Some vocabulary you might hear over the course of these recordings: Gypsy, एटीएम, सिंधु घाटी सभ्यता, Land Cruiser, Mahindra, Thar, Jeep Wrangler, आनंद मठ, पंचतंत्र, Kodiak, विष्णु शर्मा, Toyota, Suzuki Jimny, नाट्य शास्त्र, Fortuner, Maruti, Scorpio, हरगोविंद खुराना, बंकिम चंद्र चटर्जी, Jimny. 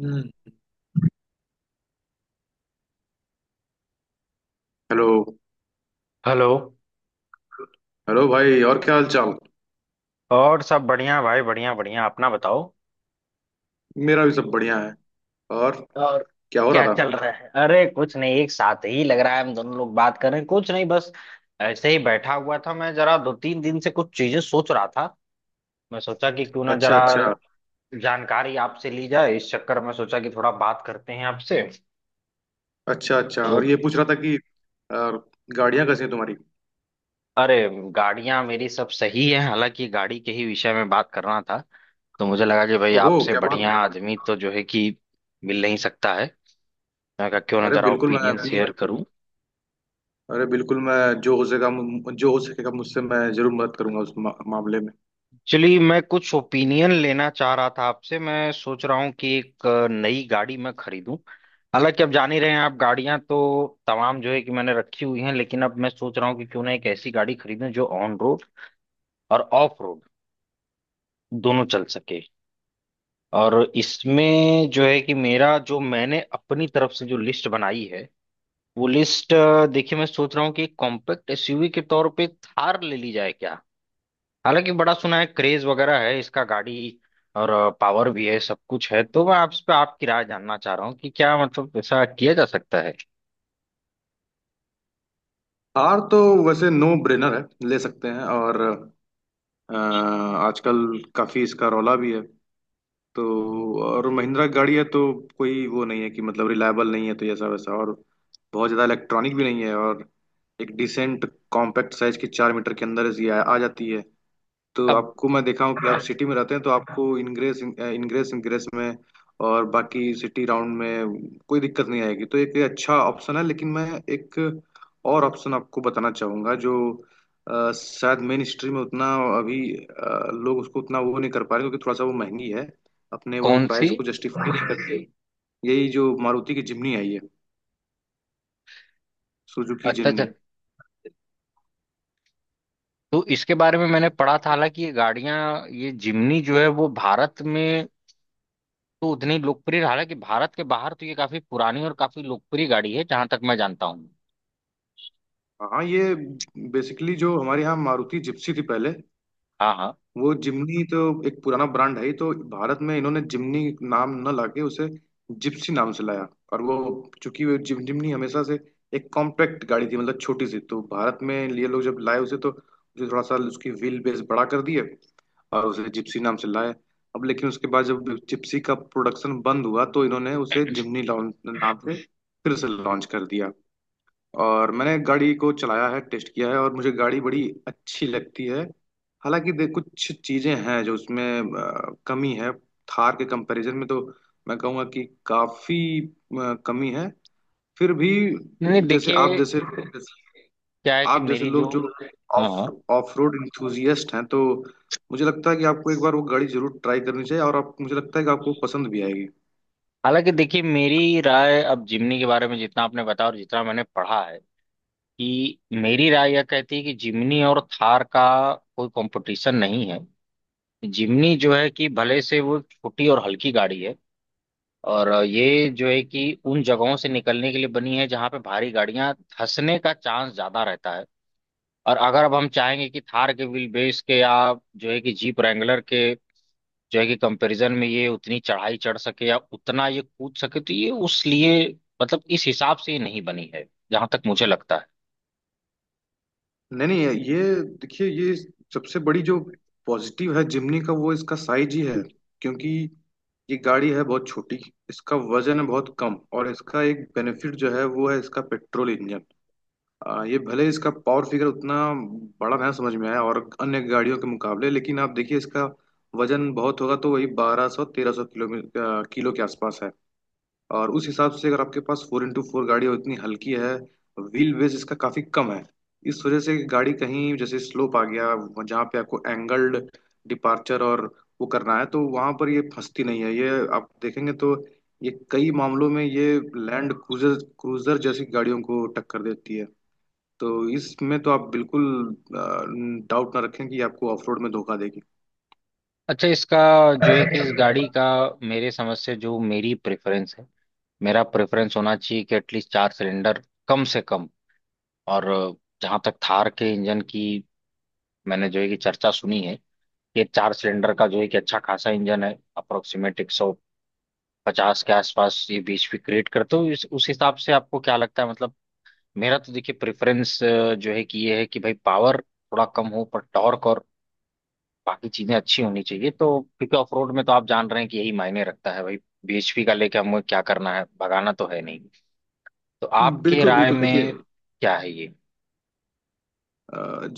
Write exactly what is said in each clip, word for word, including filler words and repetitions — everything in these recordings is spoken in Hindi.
हम्म। हेलो। हेलो। हेलो भाई और क्या हाल चाल। और सब बढ़िया भाई, बढ़िया बढ़िया, अपना बताओ मेरा भी सब बढ़िया है। और और क्या हो रहा क्या था। चल रहा है। अरे कुछ नहीं, एक साथ ही लग रहा है, हम दोनों लोग बात कर रहे हैं। कुछ नहीं, बस ऐसे ही बैठा हुआ था, मैं जरा दो तीन दिन से कुछ चीजें सोच रहा था। मैं सोचा कि क्यों ना अच्छा, जरा अच्छा। जानकारी आपसे ली जाए, इस चक्कर में सोचा कि थोड़ा बात करते हैं आपसे। अच्छा, अच्छा तो और ये पूछ रहा था कि और गाड़ियां कैसी हैं तुम्हारी। अरे गाड़ियां मेरी सब सही है, हालांकि गाड़ी के ही विषय में बात करना था। तो मुझे लगा कि भाई ओहो आपसे क्या बात है। बढ़िया आदमी तो जो है कि मिल नहीं सकता है। मैं कहा क्यों ना अरे जरा बिल्कुल मैं ओपिनियन अपनी शेयर करूं। अरे बिल्कुल मैं जो हो सकेगा मु- जो हो सकेगा मुझसे मैं जरूर मदद करूंगा उस मा, मामले में। एक्चुअली मैं कुछ ओपिनियन लेना चाह रहा था आपसे। मैं सोच रहा हूं कि एक अ, नई गाड़ी मैं खरीदूं। हालांकि अब जान ही रहे हैं आप, गाड़ियां तो तमाम जो है कि मैंने रखी हुई हैं, लेकिन अब मैं सोच रहा हूं कि क्यों ना एक ऐसी गाड़ी खरीदूं जो ऑन रोड और ऑफ रोड दोनों चल सके। और इसमें जो है कि मेरा जो मैंने अपनी तरफ से जो लिस्ट बनाई है, वो लिस्ट, देखिए मैं सोच रहा हूँ कि कॉम्पैक्ट एसयूवी के तौर पे थार ले ली जाए क्या। हालांकि बड़ा सुना है, क्रेज वगैरह है इसका गाड़ी, और पावर भी है, सब कुछ है। तो मैं आप इस पे आपकी राय जानना चाह रहा हूँ कि क्या मतलब ऐसा किया जा सकता है। कार तो वैसे नो ब्रेनर है। ले सकते हैं और अ, आजकल काफी इसका रौला भी है। तो और महिंद्रा की गाड़ी है तो कोई वो नहीं है कि मतलब रिलायबल नहीं है तो ऐसा वैसा और बहुत ज़्यादा इलेक्ट्रॉनिक भी नहीं है। और एक डिसेंट कॉम्पैक्ट साइज की चार मीटर के अंदर ऐसी आ, आ जाती है। तो अब आपको मैं देखा हूँ कि आप सिटी में रहते हैं तो आपको इनग्रेस इनग्रेस इनग्रेस में और बाकी सिटी राउंड में कोई दिक्कत नहीं आएगी। तो एक ये अच्छा ऑप्शन है लेकिन मैं एक और ऑप्शन आपको बताना चाहूँगा जो अ, शायद मेन स्ट्रीम में उतना अभी अ, लोग उसको उतना वो नहीं कर पा रहे क्योंकि थोड़ा सा वो महंगी है। अपने वो कौन सी। प्राइस को जस्टिफाई नहीं करते। यही जो मारुति की जिमनी आई है। सुजुकी अच्छा अच्छा, जिमनी। तो इसके बारे में मैंने पढ़ा था। हालांकि ये गाड़ियां, ये जिमनी जो है वो भारत में तो उतनी लोकप्रिय, हालांकि भारत के बाहर तो ये काफी पुरानी और काफी लोकप्रिय गाड़ी है जहां तक मैं जानता हूँ। हाँ, ये बेसिकली जो हमारे यहाँ मारुति जिप्सी थी पहले। हाँ हाँ। वो जिमनी तो एक पुराना ब्रांड है ही, तो भारत में इन्होंने जिमनी नाम न लाके उसे जिप्सी नाम से लाया। और वो चूंकि वो जिम जिमनी हमेशा से एक कॉम्पैक्ट गाड़ी थी मतलब छोटी सी। तो भारत में ये लोग जब लाए उसे तो उसे थोड़ा सा उसकी व्हील बेस बड़ा कर दिए और उसे जिप्सी नाम से लाए। अब लेकिन उसके बाद जब जिप्सी का प्रोडक्शन बंद हुआ तो इन्होंने उसे जिमनी लॉन्च नाम से फिर से लॉन्च कर दिया। और मैंने गाड़ी को चलाया है, टेस्ट किया है और मुझे गाड़ी बड़ी अच्छी लगती है। हालांकि देख कुछ चीजें हैं जो उसमें अ, कमी है। थार के कंपैरिजन में तो मैं कहूँगा कि काफी अ, कमी है। फिर भी नहीं नहीं, जैसे आप देखिए जैसे क्या है कि आप जैसे मेरी लोग जो, जो हाँ ऑफ हाँ। ऑफ रोड इंथुजियस्ट हैं तो मुझे लगता है कि आपको एक बार वो गाड़ी जरूर ट्राई करनी चाहिए और आप मुझे लगता है कि आपको पसंद भी आएगी। हालांकि देखिए मेरी राय अब जिमनी के बारे में जितना आपने बताया और जितना मैंने पढ़ा है कि मेरी राय यह कहती है कि जिमनी और थार का कोई कंपटीशन नहीं है। जिमनी जो है कि भले से वो छोटी और हल्की गाड़ी है, और ये जो है कि उन जगहों से निकलने के लिए बनी है जहां पे भारी गाड़ियां धंसने का चांस ज्यादा रहता है। और अगर अब हम चाहेंगे कि थार के व्हील बेस के या जो है कि जीप रैंगलर के जो है कि कंपैरिजन में ये उतनी चढ़ाई चढ़ सके या उतना ये कूद सके, तो ये उस लिए, मतलब इस हिसाब से ये नहीं बनी है, जहां तक मुझे लगता है। नहीं, नहीं, ये देखिए ये सबसे बड़ी जो पॉजिटिव है जिमनी का वो इसका साइज ही है। क्योंकि ये गाड़ी है बहुत छोटी। इसका वजन है बहुत कम और इसका एक बेनिफिट जो है वो है इसका पेट्रोल इंजन। आ, ये भले इसका पावर फिगर उतना बड़ा ना समझ में आया और अन्य गाड़ियों के मुकाबले लेकिन आप देखिए इसका वजन बहुत होगा तो वही बारह सौ तेरह सौ किलो किलो के आसपास है। और उस हिसाब से अगर आपके पास फोर इंटू फोर गाड़ी है, इतनी हल्की है। व्हील बेस इसका काफी कम है। इस वजह से गाड़ी कहीं जैसे स्लोप आ गया जहाँ पे आपको एंगल्ड डिपार्चर और वो करना है तो वहां पर ये फंसती नहीं है। ये आप देखेंगे तो ये कई मामलों में ये लैंड क्रूजर क्रूजर जैसी गाड़ियों को टक्कर देती है। तो इसमें तो आप बिल्कुल डाउट ना रखें कि ये आपको ऑफ रोड में धोखा देगी। अच्छा, इसका जो है कि इस गाड़ी का, मेरे समझ से जो मेरी प्रेफरेंस है, मेरा प्रेफरेंस होना चाहिए कि एटलीस्ट चार सिलेंडर कम से कम। और जहां तक थार के इंजन की मैंने जो है कि चर्चा सुनी है, ये चार सिलेंडर का जो है कि अच्छा खासा इंजन है, अप्रोक्सीमेट एक सौ पचास के आसपास ये बीएचपी क्रिएट करते हो इस- उस हिसाब से आपको क्या लगता है। मतलब मेरा तो देखिए प्रेफरेंस जो है कि ये है कि भाई पावर थोड़ा कम हो पर टॉर्क और बाकी चीजें अच्छी होनी चाहिए, तो क्योंकि ऑफ रोड में तो आप जान रहे हैं कि यही मायने रखता है भाई। बीएचपी का लेके हमें क्या करना है, भगाना तो है नहीं। तो आपके बिल्कुल, राय बिल्कुल, देखिए। में क्या है ये।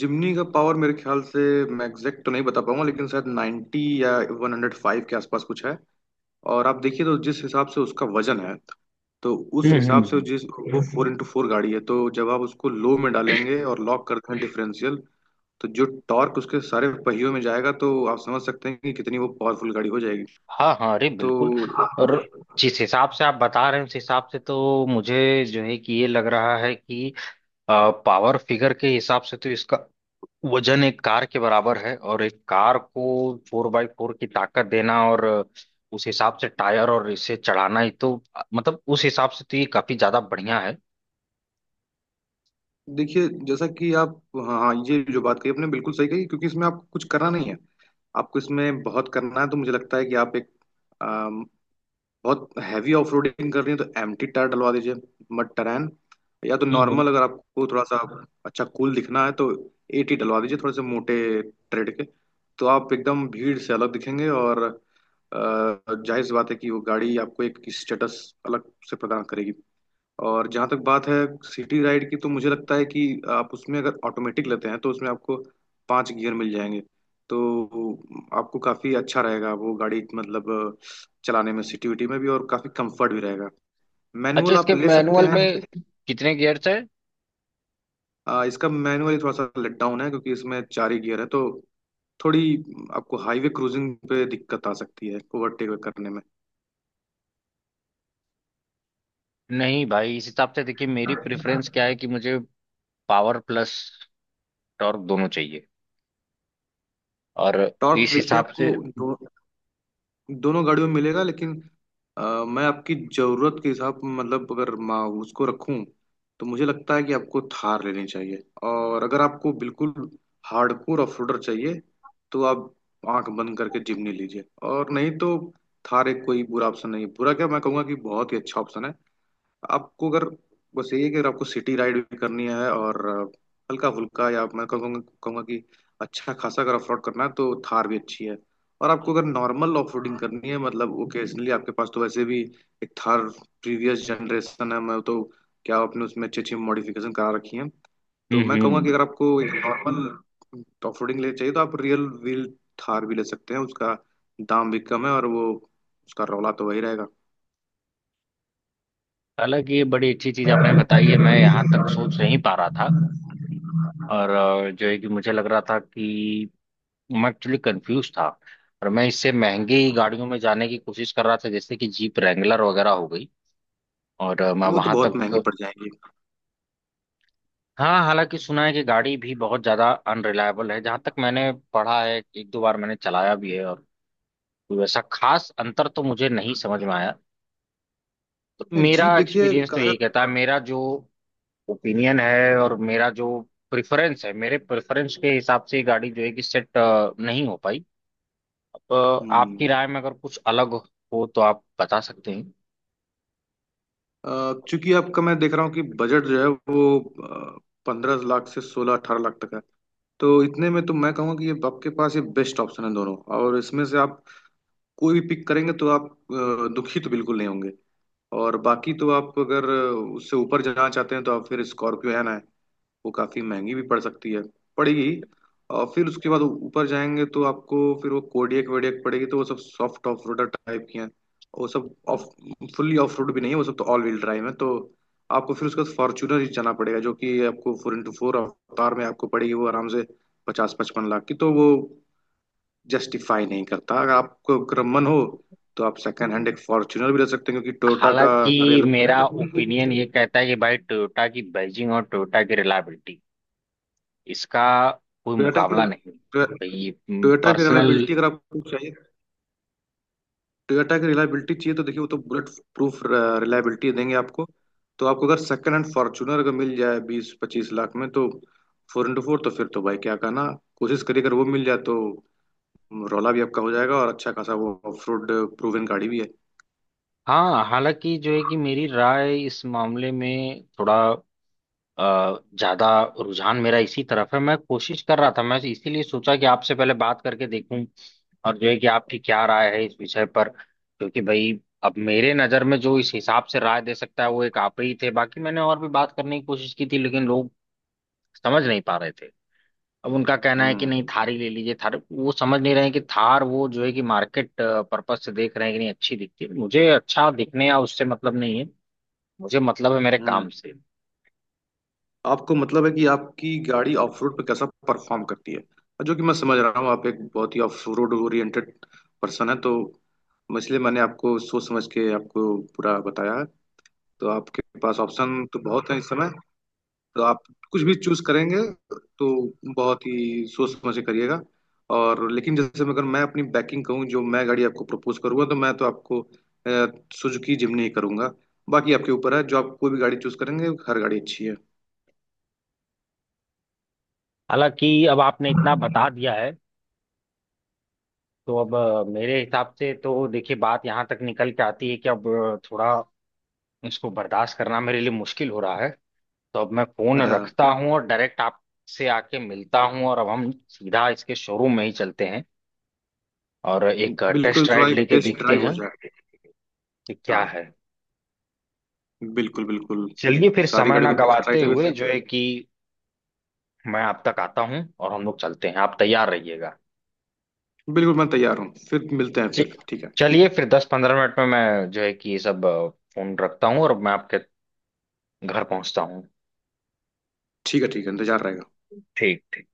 जिमनी का पावर मेरे ख्याल से मैं एग्जैक्ट तो नहीं बता पाऊंगा लेकिन शायद नाइंटी या एक सौ पांच के आसपास कुछ है। और आप देखिए तो जिस हिसाब से उसका वजन है, तो उस हम्म हिसाब से हम्म। जिस वो फोर इंटू फोर गाड़ी है तो जब आप उसको लो में डालेंगे और लॉक कर दें डिफरेंशियल तो जो टॉर्क उसके सारे पहियों में जाएगा तो आप समझ सकते हैं कि कितनी वो पावरफुल गाड़ी हो जाएगी। हाँ हाँ, अरे तो बिल्कुल। और जिस हिसाब से आप बता रहे हैं उस हिसाब से तो मुझे जो है कि ये लग रहा है कि पावर फिगर के हिसाब से तो इसका वजन एक कार के बराबर है, और एक कार को फोर बाई फोर की ताकत देना और उस हिसाब से टायर और इसे चढ़ाना ही, तो मतलब उस हिसाब से तो ये काफी ज्यादा बढ़िया है। देखिए जैसा कि आप। हाँ, हाँ, ये जो बात कही आपने बिल्कुल सही कही क्योंकि इसमें आपको कुछ करना नहीं है। आपको इसमें बहुत करना है तो मुझे लगता है कि आप एक बहुत हैवी ऑफ रोडिंग कर रही है तो एम्प्टी टायर डलवा दीजिए। मड टरैन या तो हम्म। नॉर्मल, अगर आपको थोड़ा सा अच्छा कूल दिखना है तो एटी डलवा दीजिए थोड़े से मोटे ट्रेड के। तो आप एकदम भीड़ से अलग दिखेंगे और अ, जाहिर सी बात है कि वो गाड़ी आपको एक स्टेटस अलग से प्रदान करेगी। और जहाँ तक बात है सिटी राइड की, तो मुझे लगता है कि आप उसमें अगर ऑटोमेटिक लेते हैं तो उसमें आपको पांच गियर मिल जाएंगे। तो आपको काफ़ी अच्छा रहेगा वो गाड़ी मतलब चलाने में सिटी विटी में भी और काफ़ी कंफर्ट भी रहेगा। अच्छा, मैनुअल आप इसके ले सकते मैनुअल हैं। में कितने गियर्स है। आ, इसका मैनुअल थोड़ा सा लेट डाउन है क्योंकि इसमें चार ही गियर है तो थोड़ी आपको हाईवे क्रूजिंग पे दिक्कत आ सकती है ओवरटेक करने में। नहीं भाई, इस हिसाब से देखिए मेरी प्रेफरेंस क्या है कि मुझे पावर प्लस टॉर्क दोनों चाहिए। और टॉर्क तो इस देखिए हिसाब आपको से, दोनों गाड़ियों में मिलेगा लेकिन अ, मैं आपकी जरूरत के हिसाब मतलब अगर मैं उसको रखूं तो मुझे लगता है कि आपको थार लेनी चाहिए। और अगर आपको बिल्कुल हार्डकोर ऑफरोडर चाहिए तो आप आंख बंद करके जिम्नी लीजिए। और नहीं तो थार एक कोई बुरा ऑप्शन नहीं है, बुरा क्या मैं कहूँगा कि बहुत ही अच्छा ऑप्शन है। आपको अगर बस यही है कि अगर आपको सिटी राइड भी करनी है और हल्का फुल्का या मैं कहूँगा कहूँगा कि अच्छा खासा अगर ऑफरोड करना है तो थार भी अच्छी है। और आपको अगर नॉर्मल ऑफरोडिंग करनी है मतलब ओकेजनली आपके पास तो वैसे भी एक थार प्रीवियस जनरेशन है, मैं तो क्या आपने उसमें अच्छी अच्छी मॉडिफिकेशन करा रखी है। तो हम्म मैं कहूँगा कि हम्म। अगर आपको एक नॉर्मल ऑफरोडिंग ले चाहिए तो आप रियल व्हील थार भी ले सकते हैं। उसका दाम भी कम है और वो उसका रौला तो वही रहेगा। हालांकि ये बड़ी अच्छी चीज आपने बताई है, मैं यहाँ तक सोच नहीं पा रहा था। और अ, जो है कि मुझे लग रहा था कि मैं एक्चुअली कंफ्यूज था, और मैं इससे महंगी हम्म, गाड़ियों में जाने की कोशिश कर रहा था जैसे कि जीप रैंगलर वगैरह हो गई। और अ, मैं वो तो वहां बहुत महंगी तक, पड़ जाएंगी। हाँ, हालांकि सुना है कि गाड़ी भी बहुत ज्यादा अनरिलायबल है जहां तक मैंने पढ़ा है। एक दो बार मैंने चलाया भी है और कोई वैसा खास अंतर तो मुझे नहीं समझ में आया। तो नहीं, जीप मेरा देखिए एक्सपीरियंस तो कार। यही कहता है, मेरा जो ओपिनियन है और मेरा जो प्रेफरेंस है, मेरे प्रेफरेंस के हिसाब से ये गाड़ी जो है कि सेट नहीं हो पाई। अब हम्म, आपकी राय में अगर कुछ अलग हो तो आप बता सकते हैं। अ, चूंकि आपका मैं देख रहा हूँ कि बजट जो है वो पंद्रह लाख से सोलह अठारह लाख तक है। तो इतने में तो मैं कहूँगा कि ये आपके पास ये बेस्ट ऑप्शन है दोनों। और इसमें से आप कोई भी पिक करेंगे तो आप अ, दुखी तो बिल्कुल नहीं होंगे। और बाकी तो आप अगर उससे ऊपर जाना चाहते हैं तो आप फिर स्कॉर्पियो है। वो काफी महंगी भी पड़ सकती है, पड़ेगी। और फिर उसके बाद ऊपर जाएंगे तो आपको फिर वो कोडियक वेडियक पड़ेगी तो वो सब सॉफ्ट ऑफ रोडर टाइप की हैं। वो सब ऑफ फुल्ली ऑफ रोड भी नहीं है, वो सब तो ऑल व्हील ड्राइव है। तो आपको फिर उसके बाद फॉर्च्यूनर ही जाना पड़ेगा जो कि आपको फोर इंटू फोर अवतार में आपको पड़ेगी वो आराम से पचास पचपन लाख की। तो वो जस्टिफाई नहीं करता, अगर आपको अगर मन हो तो आप सेकंड हैंड एक फॉर्च्यूनर भी ले सकते हैं क्योंकि टोयोटा का हालांकि रियल। मेरा ओपिनियन ये कहता है कि भाई टोयोटा की बैजिंग और टोयोटा की रिलायबिलिटी, इसका कोई टोयोटा की मुकाबला नहीं। तो ये टोयोटा की पर्सनल, रिलायबिलिटी अगर आपको चाहिए। टोयोटा की रिलायबिलिटी चाहिए तो देखिए वो तो बुलेट प्रूफ रिलायबिलिटी देंगे आपको। तो आपको अगर सेकंड हैंड फॉर्चूनर अगर मिल जाए बीस पच्चीस लाख में तो फोर इंटू फोर तो फिर तो भाई क्या कहना। कोशिश करिए अगर वो मिल जाए तो रौला भी आपका हो जाएगा और अच्छा खासा वो ऑफ रोड प्रूवन गाड़ी भी है। हाँ, हालांकि जो है कि मेरी राय इस मामले में थोड़ा अ, ज्यादा रुझान मेरा इसी तरफ है। मैं कोशिश कर रहा था, मैं इसीलिए सोचा कि आपसे पहले बात करके देखूं और जो है कि आपकी क्या राय है इस विषय पर, क्योंकि भाई अब मेरे नजर में जो इस हिसाब से राय दे सकता है वो एक आप ही थे। बाकी मैंने और भी बात करने की कोशिश की थी लेकिन लोग समझ नहीं पा रहे थे। अब उनका कहना है कि हम्म, नहीं थारी ले लीजिए, थार, वो समझ नहीं रहे हैं कि थार वो जो है कि मार्केट पर्पज से देख रहे हैं कि नहीं अच्छी दिखती है। मुझे अच्छा दिखने या उससे मतलब नहीं है, मुझे मतलब है मेरे काम हम्म। से। आपको मतलब है कि आपकी गाड़ी ऑफ रोड पे कैसा परफॉर्म करती है और जो कि मैं समझ रहा हूँ आप एक बहुत ही ऑफ रोड ओरिएंटेड पर्सन है। तो इसलिए मैंने आपको सोच समझ के आपको पूरा बताया। तो आपके पास ऑप्शन तो बहुत है इस समय तो आप कुछ भी चूज करेंगे तो बहुत ही सोच समझ के करिएगा। और लेकिन जैसे मैं अगर मैं अपनी बैकिंग कहूँ जो मैं गाड़ी आपको प्रपोज करूंगा तो मैं तो आपको सुजुकी जिमनी ही करूंगा। बाकी आपके ऊपर है, जो आप कोई भी गाड़ी चूज करेंगे हर गाड़ी अच्छी है। हालांकि अब आपने इतना बता दिया है, तो अब अ, मेरे हिसाब से तो देखिए बात यहाँ तक निकल के आती है कि अब अ, थोड़ा इसको बर्दाश्त करना मेरे लिए मुश्किल हो रहा है। तो अब मैं फोन हाँ, रखता हूँ और डायरेक्ट आपसे आके मिलता हूँ, और अब हम सीधा इसके शोरूम में ही चलते हैं और एक बिल्कुल टेस्ट थोड़ा राइड एक लेके टेस्ट देखते ड्राइव हो हैं जाए। कि क्या हाँ, है। बिल्कुल, बिल्कुल, चलिए फिर सारी समय ना गाड़ियों का टेस्ट गवाते ड्राइव ले हुए लेते जो है कि मैं आप तक आता हूँ और हम लोग चलते हैं, आप तैयार रहिएगा। हैं। बिल्कुल मैं तैयार हूँ, फिर मिलते हैं, जी। फिर ठीक है। चलिए फिर दस पंद्रह मिनट में मैं जो है कि ये सब अ, फोन रखता हूँ और मैं आपके घर पहुंचता हूँ। ठीक है, ठीक है, इंतजार रहेगा। ठीक ठीक।